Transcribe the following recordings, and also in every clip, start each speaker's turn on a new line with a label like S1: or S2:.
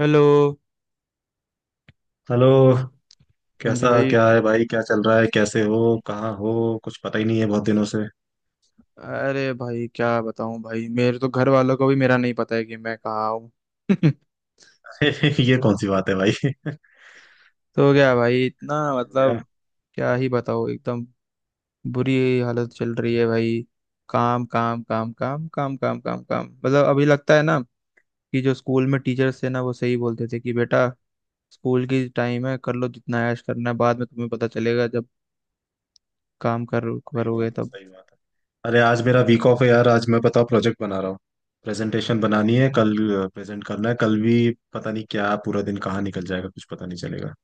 S1: Hello.
S2: Hello.
S1: हाँ जी
S2: कैसा
S1: भाई।
S2: क्या है भाई, क्या चल रहा है, कैसे हो? कहाँ हो? कुछ पता ही नहीं है बहुत दिनों से।
S1: अरे भाई क्या बताऊं भाई, मेरे तो घर वालों को भी मेरा नहीं पता है कि मैं कहाँ हूँ।
S2: ये कौन सी बात है भाई? हो
S1: तो क्या भाई, इतना
S2: गया।
S1: मतलब क्या ही बताओ एकदम। बुरी हालत चल रही है भाई। काम काम काम काम काम काम काम काम मतलब अभी लगता है ना कि जो स्कूल में टीचर्स थे ना, वो सही बोलते थे कि बेटा स्कूल की टाइम है, कर लो जितना ऐश करना है, बाद में तुम्हें पता चलेगा जब काम कर
S2: सही
S1: करोगे
S2: बात है,
S1: तब।
S2: सही बात है। अरे आज मेरा वीक ऑफ है यार, आज मैं बताओ प्रोजेक्ट बना रहा हूँ। प्रेजेंटेशन बनानी है कल। प्रेजेंट करना है कल भी। पता नहीं क्या, पूरा दिन कहाँ निकल जाएगा, कुछ पता नहीं चलेगा।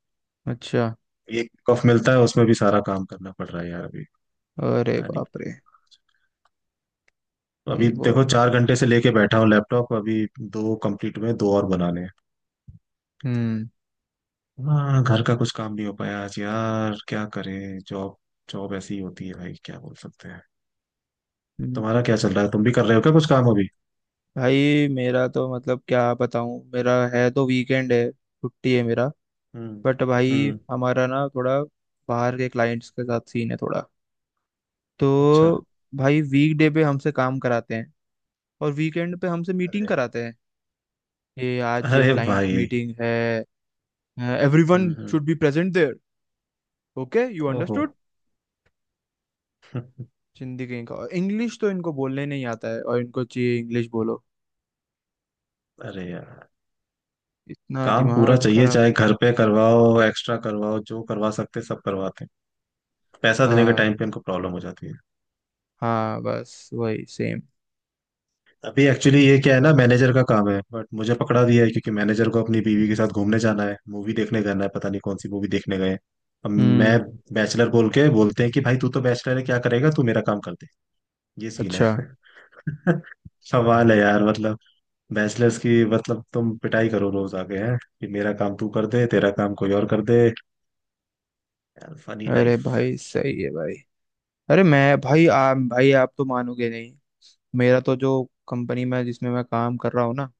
S1: अच्छा।
S2: एक वीक ऑफ मिलता है, उसमें भी सारा काम करना पड़ रहा है यार अभी।
S1: अरे
S2: पता नहीं।
S1: बाप रे।
S2: तो अभी
S1: भाई
S2: देखो
S1: बहुत।
S2: 4 घंटे से लेके बैठा हूँ लैपटॉप, अभी दो कंप्लीट हुए, दो और बनाने हैं।
S1: हम्म।
S2: हाँ, घर का कुछ काम नहीं हो पाया आज यार, क्या करें, जॉब। जॉब ऐसी ही होती है भाई, क्या बोल सकते हैं। तुम्हारा
S1: हम्म।
S2: क्या चल रहा है, तुम भी कर रहे हो क्या कुछ काम अभी?
S1: भाई मेरा तो मतलब क्या बताऊं, मेरा है तो वीकेंड है, छुट्टी है मेरा।
S2: हम्म।
S1: बट भाई
S2: हम्म।
S1: हमारा ना थोड़ा बाहर के क्लाइंट्स के साथ सीन है थोड़ा,
S2: अच्छा।
S1: तो भाई वीकडे पे हमसे काम कराते हैं और वीकेंड पे हमसे मीटिंग
S2: अरे।
S1: कराते हैं। ये आज ये
S2: अरे
S1: क्लाइंट
S2: भाई।
S1: मीटिंग है। Everyone
S2: hmm.
S1: Should be present there. Okay you
S2: ओहो।
S1: अंडरस्टूड। जिंदगी का इंग्लिश तो इनको बोलने नहीं आता है और इनको चाहिए इंग्लिश बोलो।
S2: अरे यार।
S1: इतना
S2: काम पूरा
S1: दिमाग
S2: चाहिए,
S1: खराब।
S2: चाहे घर पे करवाओ, एक्स्ट्रा करवाओ, जो करवा सकते सब करवाते हैं। पैसा देने के
S1: हाँ
S2: टाइम पे इनको प्रॉब्लम हो जाती है।
S1: हाँ, बस वही सेम।
S2: अभी एक्चुअली ये क्या है ना, मैनेजर का काम है बट मुझे पकड़ा दिया है, क्योंकि मैनेजर को अपनी बीवी के साथ घूमने जाना है, मूवी देखने जाना है, पता नहीं कौन सी मूवी देखने गए हैं। अब
S1: हम्म।
S2: मैं बैचलर बोल के बोलते हैं कि भाई तू तो बैचलर है, क्या करेगा तू, मेरा काम कर दे। ये सीन है।
S1: अच्छा।
S2: सवाल है यार, मतलब बैचलर्स की, मतलब तुम पिटाई करो रोज, आगे हैं कि मेरा काम तू कर दे, तेरा काम कोई और कर दे। यार फनी
S1: अरे
S2: लाइफ।
S1: भाई सही है भाई। अरे मैं भाई भाई आप तो मानोगे नहीं। मेरा तो जो कंपनी में जिसमें मैं काम कर रहा हूँ ना,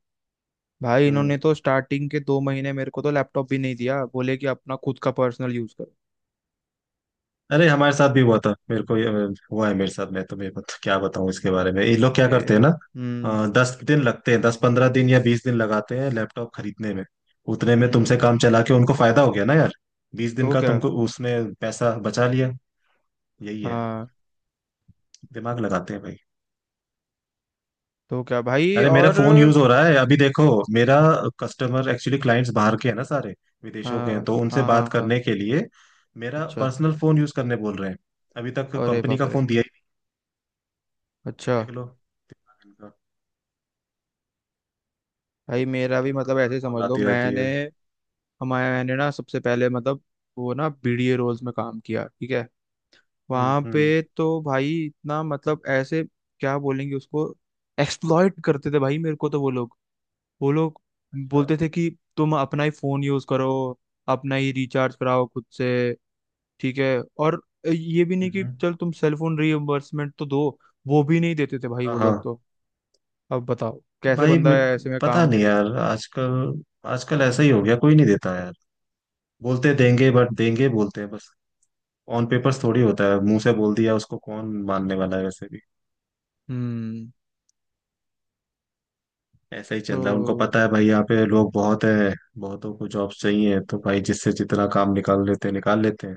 S1: भाई इन्होंने
S2: हम्म।
S1: तो स्टार्टिंग के 2 महीने मेरे को तो लैपटॉप भी नहीं दिया, बोले कि अपना खुद का पर्सनल यूज करो।
S2: अरे हमारे साथ भी हुआ था, मेरे को ये हुआ है मेरे साथ। मैं तुम्हें क्या बताऊं इसके बारे में, ये लोग क्या करते हैं
S1: मेरा।
S2: ना।
S1: हम्म।
S2: 10 दिन लगते हैं, 10-15 दिन या 20 दिन लगाते हैं लैपटॉप खरीदने में। उतने में तुमसे
S1: हम्म।
S2: काम चला के उनको फायदा हो गया ना यार। 20 दिन
S1: तो
S2: का
S1: क्या।
S2: तुमको उसने पैसा बचा लिया। यही है।
S1: हाँ।
S2: दिमाग लगाते हैं भाई।
S1: तो क्या भाई
S2: अरे मेरा
S1: और।
S2: फोन यूज हो रहा है अभी, देखो मेरा कस्टमर एक्चुअली क्लाइंट्स बाहर के हैं ना सारे, विदेशों के
S1: हाँ
S2: हैं, तो उनसे
S1: हाँ हाँ
S2: बात
S1: हाँ।
S2: करने के लिए मेरा
S1: अच्छा।
S2: पर्सनल फोन यूज करने बोल रहे हैं। अभी तक
S1: अरे
S2: कंपनी
S1: बाप
S2: का
S1: रे।
S2: फोन दिया ही
S1: अच्छा।
S2: नहीं, देख लो।
S1: भाई मेरा भी मतलब ऐसे
S2: कौन
S1: समझ लो
S2: आती रहती है।
S1: मैंने, हमारे मैंने ना सबसे पहले मतलब वो ना बीडीए रोल्स में काम किया, ठीक है। वहां
S2: हम्म।
S1: पे तो भाई इतना मतलब ऐसे, क्या बोलेंगे उसको, एक्सप्लॉइट करते थे भाई मेरे को तो वो लोग। वो लोग
S2: अच्छा।
S1: बोलते थे कि तुम अपना ही फोन यूज करो, अपना ही रिचार्ज कराओ खुद से, ठीक है। और ये भी नहीं कि
S2: हम्म,
S1: चल तुम सेल फोन रीइम्बर्समेंट तो दो, वो भी नहीं देते थे भाई
S2: हाँ
S1: वो लोग
S2: हाँ।
S1: तो। अब बताओ कैसे
S2: भाई
S1: बंदा
S2: मे-
S1: ऐसे में
S2: पता
S1: काम
S2: नहीं
S1: करे।
S2: यार, आजकल आजकल ऐसा ही हो गया, कोई नहीं देता यार। बोलते देंगे बट देंगे बोलते हैं बस। ऑन पेपर्स थोड़ी होता है, मुंह से बोल दिया उसको कौन मानने वाला है वैसे भी।
S1: हम्म।
S2: ऐसा ही चल रहा है, उनको
S1: तो।
S2: पता है भाई, यहाँ पे लोग बहुत है। बहुतों को जॉब्स चाहिए, तो भाई जिससे जितना काम निकाल लेते हैं निकाल लेते हैं।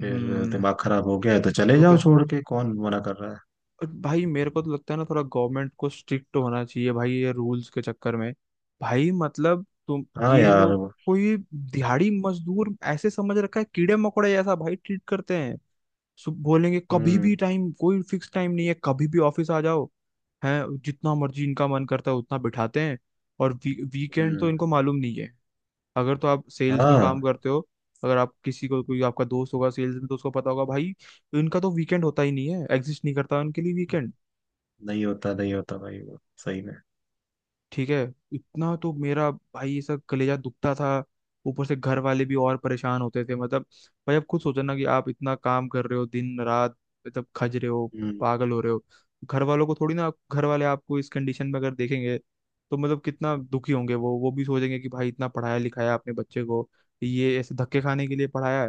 S2: फिर
S1: हम्म।
S2: दिमाग खराब हो गया है तो चले
S1: तो
S2: जाओ
S1: क्या।
S2: छोड़ के, कौन मना कर रहा है।
S1: और भाई मेरे को तो लगता है ना थोड़ा गवर्नमेंट को स्ट्रिक्ट होना चाहिए भाई, ये रूल्स के चक्कर में। भाई मतलब तुम
S2: हाँ
S1: ये
S2: यार।
S1: लोग कोई दिहाड़ी मजदूर ऐसे समझ रखा है, कीड़े मकोड़े जैसा भाई ट्रीट करते हैं। बोलेंगे कभी भी,
S2: हम्म
S1: टाइम कोई फिक्स टाइम नहीं है, कभी भी ऑफिस आ जाओ। हैं, जितना मर्जी इनका मन करता है उतना बिठाते हैं। और वीकेंड तो
S2: हम्म।
S1: इनको मालूम नहीं है। अगर तो आप सेल्स में काम
S2: हाँ।
S1: करते हो, अगर आप किसी को, कोई आपका दोस्त होगा सेल्स में, तो उसको पता होगा भाई, इनका तो वीकेंड होता ही नहीं है, एग्जिस्ट नहीं करता उनके लिए वीकेंड।
S2: नहीं होता, नहीं होता भाई, वो सही में।
S1: ठीक है। इतना तो मेरा भाई ऐसा कलेजा दुखता था। ऊपर से घर वाले भी और परेशान होते थे, मतलब भाई अब खुद सोचो ना कि आप इतना काम कर रहे हो दिन रात, मतलब खज रहे हो,
S2: हम्म।
S1: पागल हो रहे हो। घर वालों को थोड़ी ना, घर वाले आपको इस कंडीशन में अगर देखेंगे तो मतलब कितना दुखी होंगे वो भी सोचेंगे कि भाई इतना पढ़ाया लिखाया आपने बच्चे को, ये ऐसे धक्के खाने के लिए पढ़ाया है।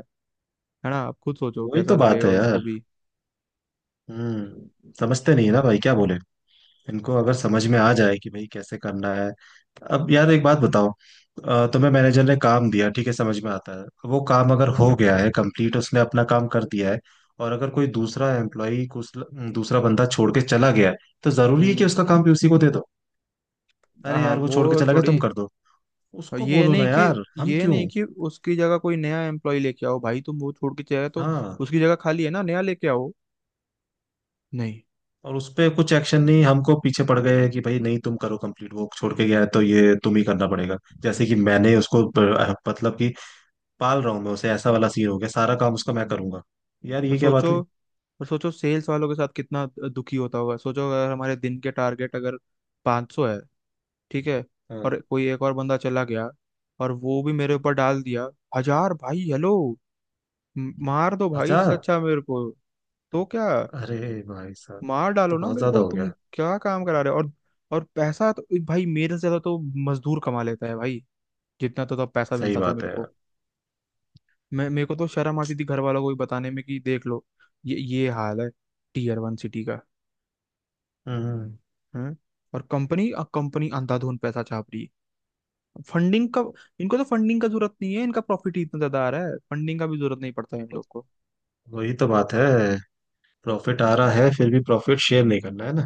S1: है ना, आप खुद सोचो
S2: वही तो
S1: कैसा
S2: बात
S1: लगेगा
S2: है यार।
S1: उनको भी।
S2: हम्म। समझते नहीं है ना भाई, क्या बोले। इनको अगर समझ में आ जाए कि भाई कैसे करना है। अब यार एक बात बताओ। तुम्हें मैनेजर ने काम दिया, ठीक है समझ में आता है, वो काम अगर हो गया है कंप्लीट, उसने अपना काम कर दिया है। और अगर कोई दूसरा एम्प्लॉई, दूसरा बंदा छोड़ के चला गया है, तो जरूरी है कि
S1: हम्म।
S2: उसका काम भी उसी को दे दो? अरे
S1: हाँ
S2: यार, वो छोड़ के
S1: वो
S2: चला गया
S1: थोड़ी।
S2: तुम कर दो।
S1: और
S2: उसको
S1: ये
S2: बोलो ना
S1: नहीं कि,
S2: यार, हम क्यों।
S1: उसकी जगह कोई नया एम्प्लॉय लेके आओ भाई, तुम वो छोड़ के चले गए तो
S2: हाँ।
S1: उसकी जगह खाली है ना, नया लेके आओ। नहीं।
S2: और उस पे कुछ एक्शन नहीं, हमको पीछे पड़ गए कि भाई नहीं, तुम करो कंप्लीट, वो छोड़ के गया है तो ये तुम ही करना पड़ेगा। जैसे कि मैंने उसको मतलब कि पाल रहा हूँ मैं उसे, ऐसा वाला सीन हो गया, सारा काम उसका मैं करूंगा। यार
S1: और
S2: ये क्या बात
S1: सोचो,
S2: हुई।
S1: सेल्स वालों के साथ कितना दुखी होता होगा, सोचो अगर हमारे दिन के टारगेट अगर 500 है, ठीक है,
S2: हाँ।
S1: और कोई एक और बंदा चला गया और वो भी मेरे ऊपर डाल दिया, हजार भाई, हेलो। मार दो भाई, इससे
S2: 1000।
S1: अच्छा मेरे को। तो क्या।
S2: अरे भाई साहब,
S1: मार डालो
S2: तो
S1: ना
S2: बहुत
S1: मेरे
S2: ज्यादा
S1: को,
S2: हो
S1: तुम
S2: गया।
S1: क्या काम करा रहे हो और। और पैसा तो भाई मेरे से ज्यादा तो मजदूर कमा लेता है भाई, जितना तो तब पैसा
S2: सही
S1: मिलता था
S2: बात
S1: मेरे
S2: है
S1: को।
S2: यार।
S1: मैं मेरे को तो शर्म आती थी घर वालों को भी बताने में कि देख लो ये हाल है टीयर वन सिटी का।
S2: हम्म।
S1: हैं। और कंपनी, कंपनी अंधाधुन पैसा छाप रही है। फंडिंग का, इनको तो फंडिंग का जरूरत नहीं है, इनका प्रॉफिट ही इतना ज्यादा आ रहा है, फंडिंग का भी जरूरत नहीं पड़ता है इन लोग को।
S2: वही तो बात है। प्रॉफिट आ रहा है फिर भी प्रॉफिट शेयर नहीं करना है ना।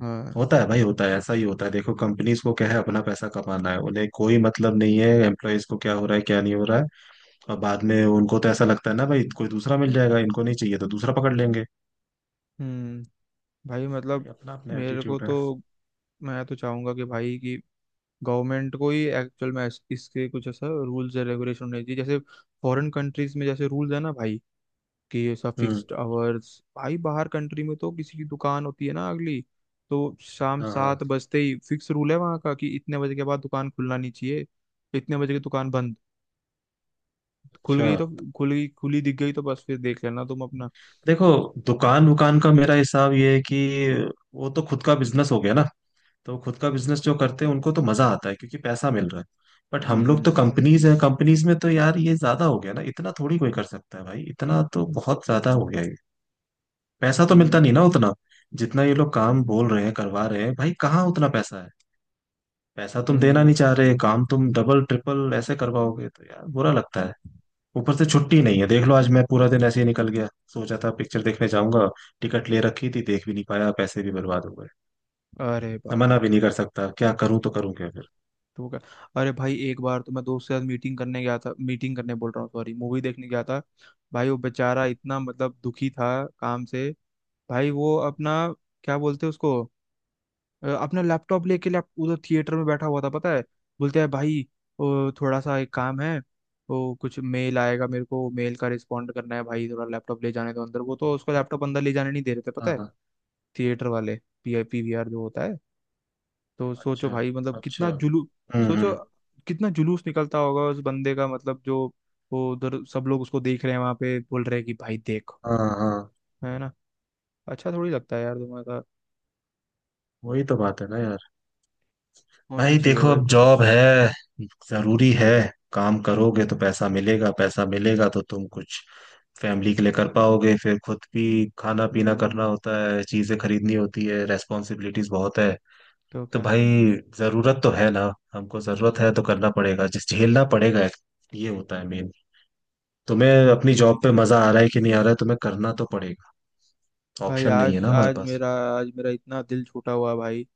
S1: हाँ।
S2: होता है भाई, होता है, ऐसा ही होता है। देखो कंपनीज को क्या है, अपना पैसा कमाना है, उन्हें कोई मतलब नहीं है एम्प्लॉयज को क्या हो रहा है क्या नहीं हो रहा है। अब बाद में उनको तो ऐसा लगता है ना भाई, कोई दूसरा मिल जाएगा, इनको नहीं चाहिए तो दूसरा पकड़ लेंगे।
S1: हम्म। भाई
S2: भाई
S1: मतलब
S2: अपना अपना
S1: मेरे को
S2: एटीट्यूड
S1: तो,
S2: है।
S1: मैं तो चाहूंगा कि भाई, कि गवर्नमेंट को ही एक्चुअल में इसके कुछ ऐसा रूल्स एंड रेगुलेशन होने चाहिए, जैसे फॉरेन कंट्रीज में जैसे रूल्स है ना भाई, कि ऐसा
S2: हम्म।
S1: फिक्स्ड आवर्स, भाई बाहर कंट्री में तो किसी की दुकान होती है ना अगली, तो शाम
S2: हाँ
S1: सात
S2: हाँ।
S1: बजते ही फिक्स रूल है वहाँ का कि इतने बजे के बाद दुकान खुलना नहीं चाहिए, इतने बजे की दुकान बंद। खुल
S2: अच्छा।
S1: गई तो, खुल गई, खुली दिख गई तो बस फिर देख लेना तुम अपना।
S2: देखो, दुकान वुकान का मेरा हिसाब ये है कि वो तो खुद का बिजनेस हो गया ना, तो खुद का बिजनेस जो करते हैं उनको तो मजा आता है क्योंकि पैसा मिल रहा है। बट हम लोग तो
S1: हम्म।
S2: कंपनीज हैं, कंपनीज में तो यार ये ज्यादा हो गया ना, इतना थोड़ी कोई कर सकता है भाई, इतना तो बहुत ज्यादा हो गया ये। पैसा तो मिलता नहीं
S1: हम्म।
S2: ना उतना, जितना ये लोग काम बोल रहे हैं करवा रहे हैं, भाई कहाँ उतना पैसा है। पैसा तुम देना
S1: हम्म।
S2: नहीं चाह रहे, काम तुम डबल ट्रिपल ऐसे करवाओगे तो यार बुरा लगता है। ऊपर से छुट्टी नहीं है, देख लो आज मैं पूरा दिन ऐसे ही निकल गया। सोचा था पिक्चर देखने जाऊंगा, टिकट ले रखी थी, देख भी नहीं पाया, पैसे भी बर्बाद हो गए।
S1: अरे
S2: मैं
S1: बाप रे।
S2: मना भी नहीं कर सकता, क्या करूं, तो करूं क्या फिर।
S1: तो क्या। अरे भाई एक बार तो मैं दोस्त के साथ मीटिंग करने गया था, मीटिंग करने बोल रहा हूँ सॉरी, मूवी देखने गया था। भाई वो बेचारा इतना मतलब दुखी था काम से। भाई वो अपना, क्या बोलते हैं उसको, अपना लैपटॉप लेके लैप उधर थिएटर में बैठा हुआ था पता है। बोलते हैं भाई थोड़ा सा एक काम है, वो कुछ मेल आएगा मेरे को, मेल का रिस्पॉन्ड करना है भाई थोड़ा लैपटॉप ले जाने दो अंदर। वो तो उसको लैपटॉप अंदर ले जाने नहीं दे रहे थे पता है,
S2: हाँ।
S1: थिएटर वाले, P I P V R जो होता है। तो सोचो
S2: अच्छा।
S1: भाई मतलब
S2: अच्छा।
S1: कितना जुलू सोचो
S2: हम्म।
S1: कितना जुलूस निकलता होगा उस बंदे का, मतलब जो, वो उधर सब लोग उसको देख रहे हैं वहां पे, बोल रहे हैं कि भाई देखो,
S2: हाँ हाँ।
S1: है ना, अच्छा थोड़ी लगता है यार तुम्हारा।
S2: वही तो बात है ना यार।
S1: होने
S2: भाई
S1: चाहिए
S2: देखो
S1: भाई
S2: अब
S1: कुछ।
S2: जॉब है, जरूरी है, काम करोगे तो पैसा मिलेगा, पैसा मिलेगा तो तुम कुछ फैमिली के लिए कर पाओगे, फिर खुद भी खाना पीना करना
S1: हम्म।
S2: होता है, चीजें खरीदनी होती है, रेस्पॉन्सिबिलिटीज बहुत है।
S1: तो
S2: तो
S1: क्या।
S2: भाई जरूरत तो है ना, हमको जरूरत है तो करना पड़ेगा, जिस झेलना पड़ेगा। ये होता है मेन। तुम्हें अपनी जॉब पे मजा आ रहा है कि नहीं आ रहा है, तुम्हें करना तो पड़ेगा।
S1: भाई
S2: ऑप्शन नहीं है
S1: आज,
S2: ना हमारे
S1: आज
S2: पास।
S1: मेरा, आज मेरा इतना दिल छूटा हुआ है भाई।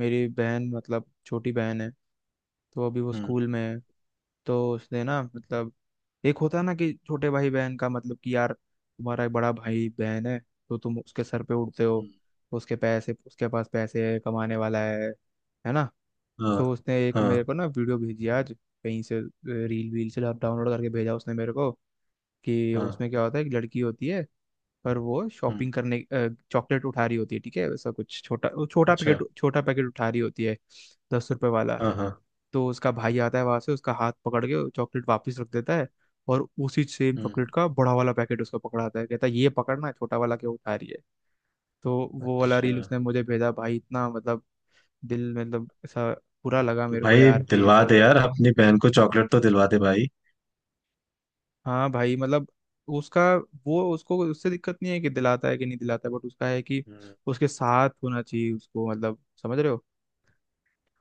S1: मेरी बहन, मतलब छोटी बहन है, तो अभी वो
S2: हम्म।
S1: स्कूल में है, तो उसने ना मतलब, एक होता है ना कि छोटे भाई बहन का मतलब कि यार तुम्हारा एक बड़ा भाई बहन है, तो तुम उसके सर पे उड़ते हो,
S2: हम्म,
S1: उसके पैसे, उसके पास पैसे है कमाने वाला है ना।
S2: हाँ।
S1: तो उसने एक
S2: हाँ
S1: मेरे को ना वीडियो भेजी आज, कहीं से रील वील से डाउनलोड करके भेजा उसने मेरे को, कि
S2: हाँ।
S1: उसमें क्या होता है, एक लड़की होती है, पर वो
S2: हम्म।
S1: शॉपिंग करने चॉकलेट उठा रही होती है, ठीक है, वैसा कुछ छोटा, वो छोटा
S2: अच्छा।
S1: पैकेट, छोटा पैकेट उठा रही होती है, 10 रुपए वाला।
S2: हाँ हाँ।
S1: तो उसका भाई आता है वहां से, उसका हाथ पकड़ के चॉकलेट वापस रख देता है और उसी सेम
S2: हम्म।
S1: चॉकलेट का बड़ा वाला पैकेट उसको पकड़ाता है, कहता है ये पकड़ना है, छोटा वाला क्यों उठा रही है। तो वो वाला
S2: अच्छा।
S1: रील उसने मुझे भेजा भाई, इतना मतलब दिल मतलब ऐसा बुरा लगा
S2: तो
S1: मेरे को
S2: भाई
S1: यार कि
S2: दिलवा
S1: ऐसा
S2: दे
S1: सब।
S2: यार अपनी बहन को चॉकलेट, तो दिलवा दे भाई।
S1: हाँ भाई मतलब उसका, वो उसको उससे दिक्कत नहीं है कि दिलाता है कि नहीं दिलाता है, बट उसका है कि
S2: हम्म।
S1: उसके साथ होना चाहिए उसको, मतलब समझ रहे हो,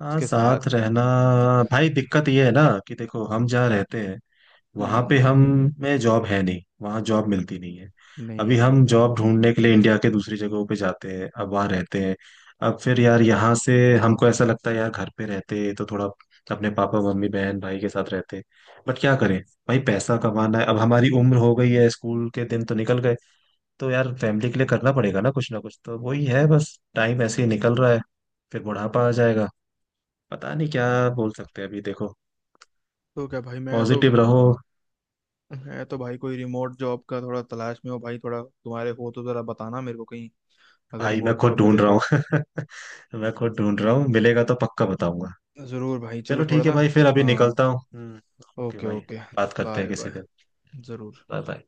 S2: हाँ,
S1: उसके साथ।
S2: साथ रहना। भाई दिक्कत ये है ना, कि देखो हम जहाँ रहते हैं वहां
S1: हम्म।
S2: पे, हम में जॉब है नहीं, वहाँ जॉब मिलती नहीं है।
S1: नहीं है
S2: अभी
S1: भाई
S2: हम
S1: नहीं है।
S2: जॉब ढूंढने के लिए इंडिया के दूसरी जगहों पे जाते हैं, अब वहाँ रहते हैं। अब फिर यार यहाँ से हमको ऐसा लगता है यार, घर पे रहते तो थोड़ा अपने पापा मम्मी बहन भाई के साथ रहते। बट क्या करें, भाई पैसा कमाना है, अब हमारी उम्र हो गई है, स्कूल के दिन तो निकल गए। तो यार फैमिली के लिए करना पड़ेगा ना कुछ ना कुछ, तो वही है बस, टाइम ऐसे ही निकल रहा है। फिर बुढ़ापा आ जाएगा, पता नहीं क्या बोल सकते हैं अभी, देखो
S1: तो क्या भाई, मैं तो,
S2: पॉजिटिव रहो।
S1: मैं तो भाई कोई रिमोट जॉब का थोड़ा तलाश में हो भाई थोड़ा, तुम्हारे हो तो जरा बताना मेरे को कहीं, अगर
S2: भाई मैं
S1: रिमोट
S2: खुद
S1: जॉब
S2: ढूंढ
S1: मिले
S2: रहा
S1: तो।
S2: हूँ। मैं खुद ढूंढ रहा हूँ,
S1: हम्म।
S2: मिलेगा तो पक्का बताऊंगा।
S1: जरूर भाई, चलो
S2: चलो
S1: थोड़ा
S2: ठीक है
S1: ना।
S2: भाई, फिर अभी
S1: हाँ।
S2: निकलता हूँ। हम्म। ओके
S1: ओके
S2: भाई।
S1: ओके।
S2: बात करते हैं
S1: बाय बाय।
S2: किसी दिन।
S1: जरूर।
S2: Bye bye.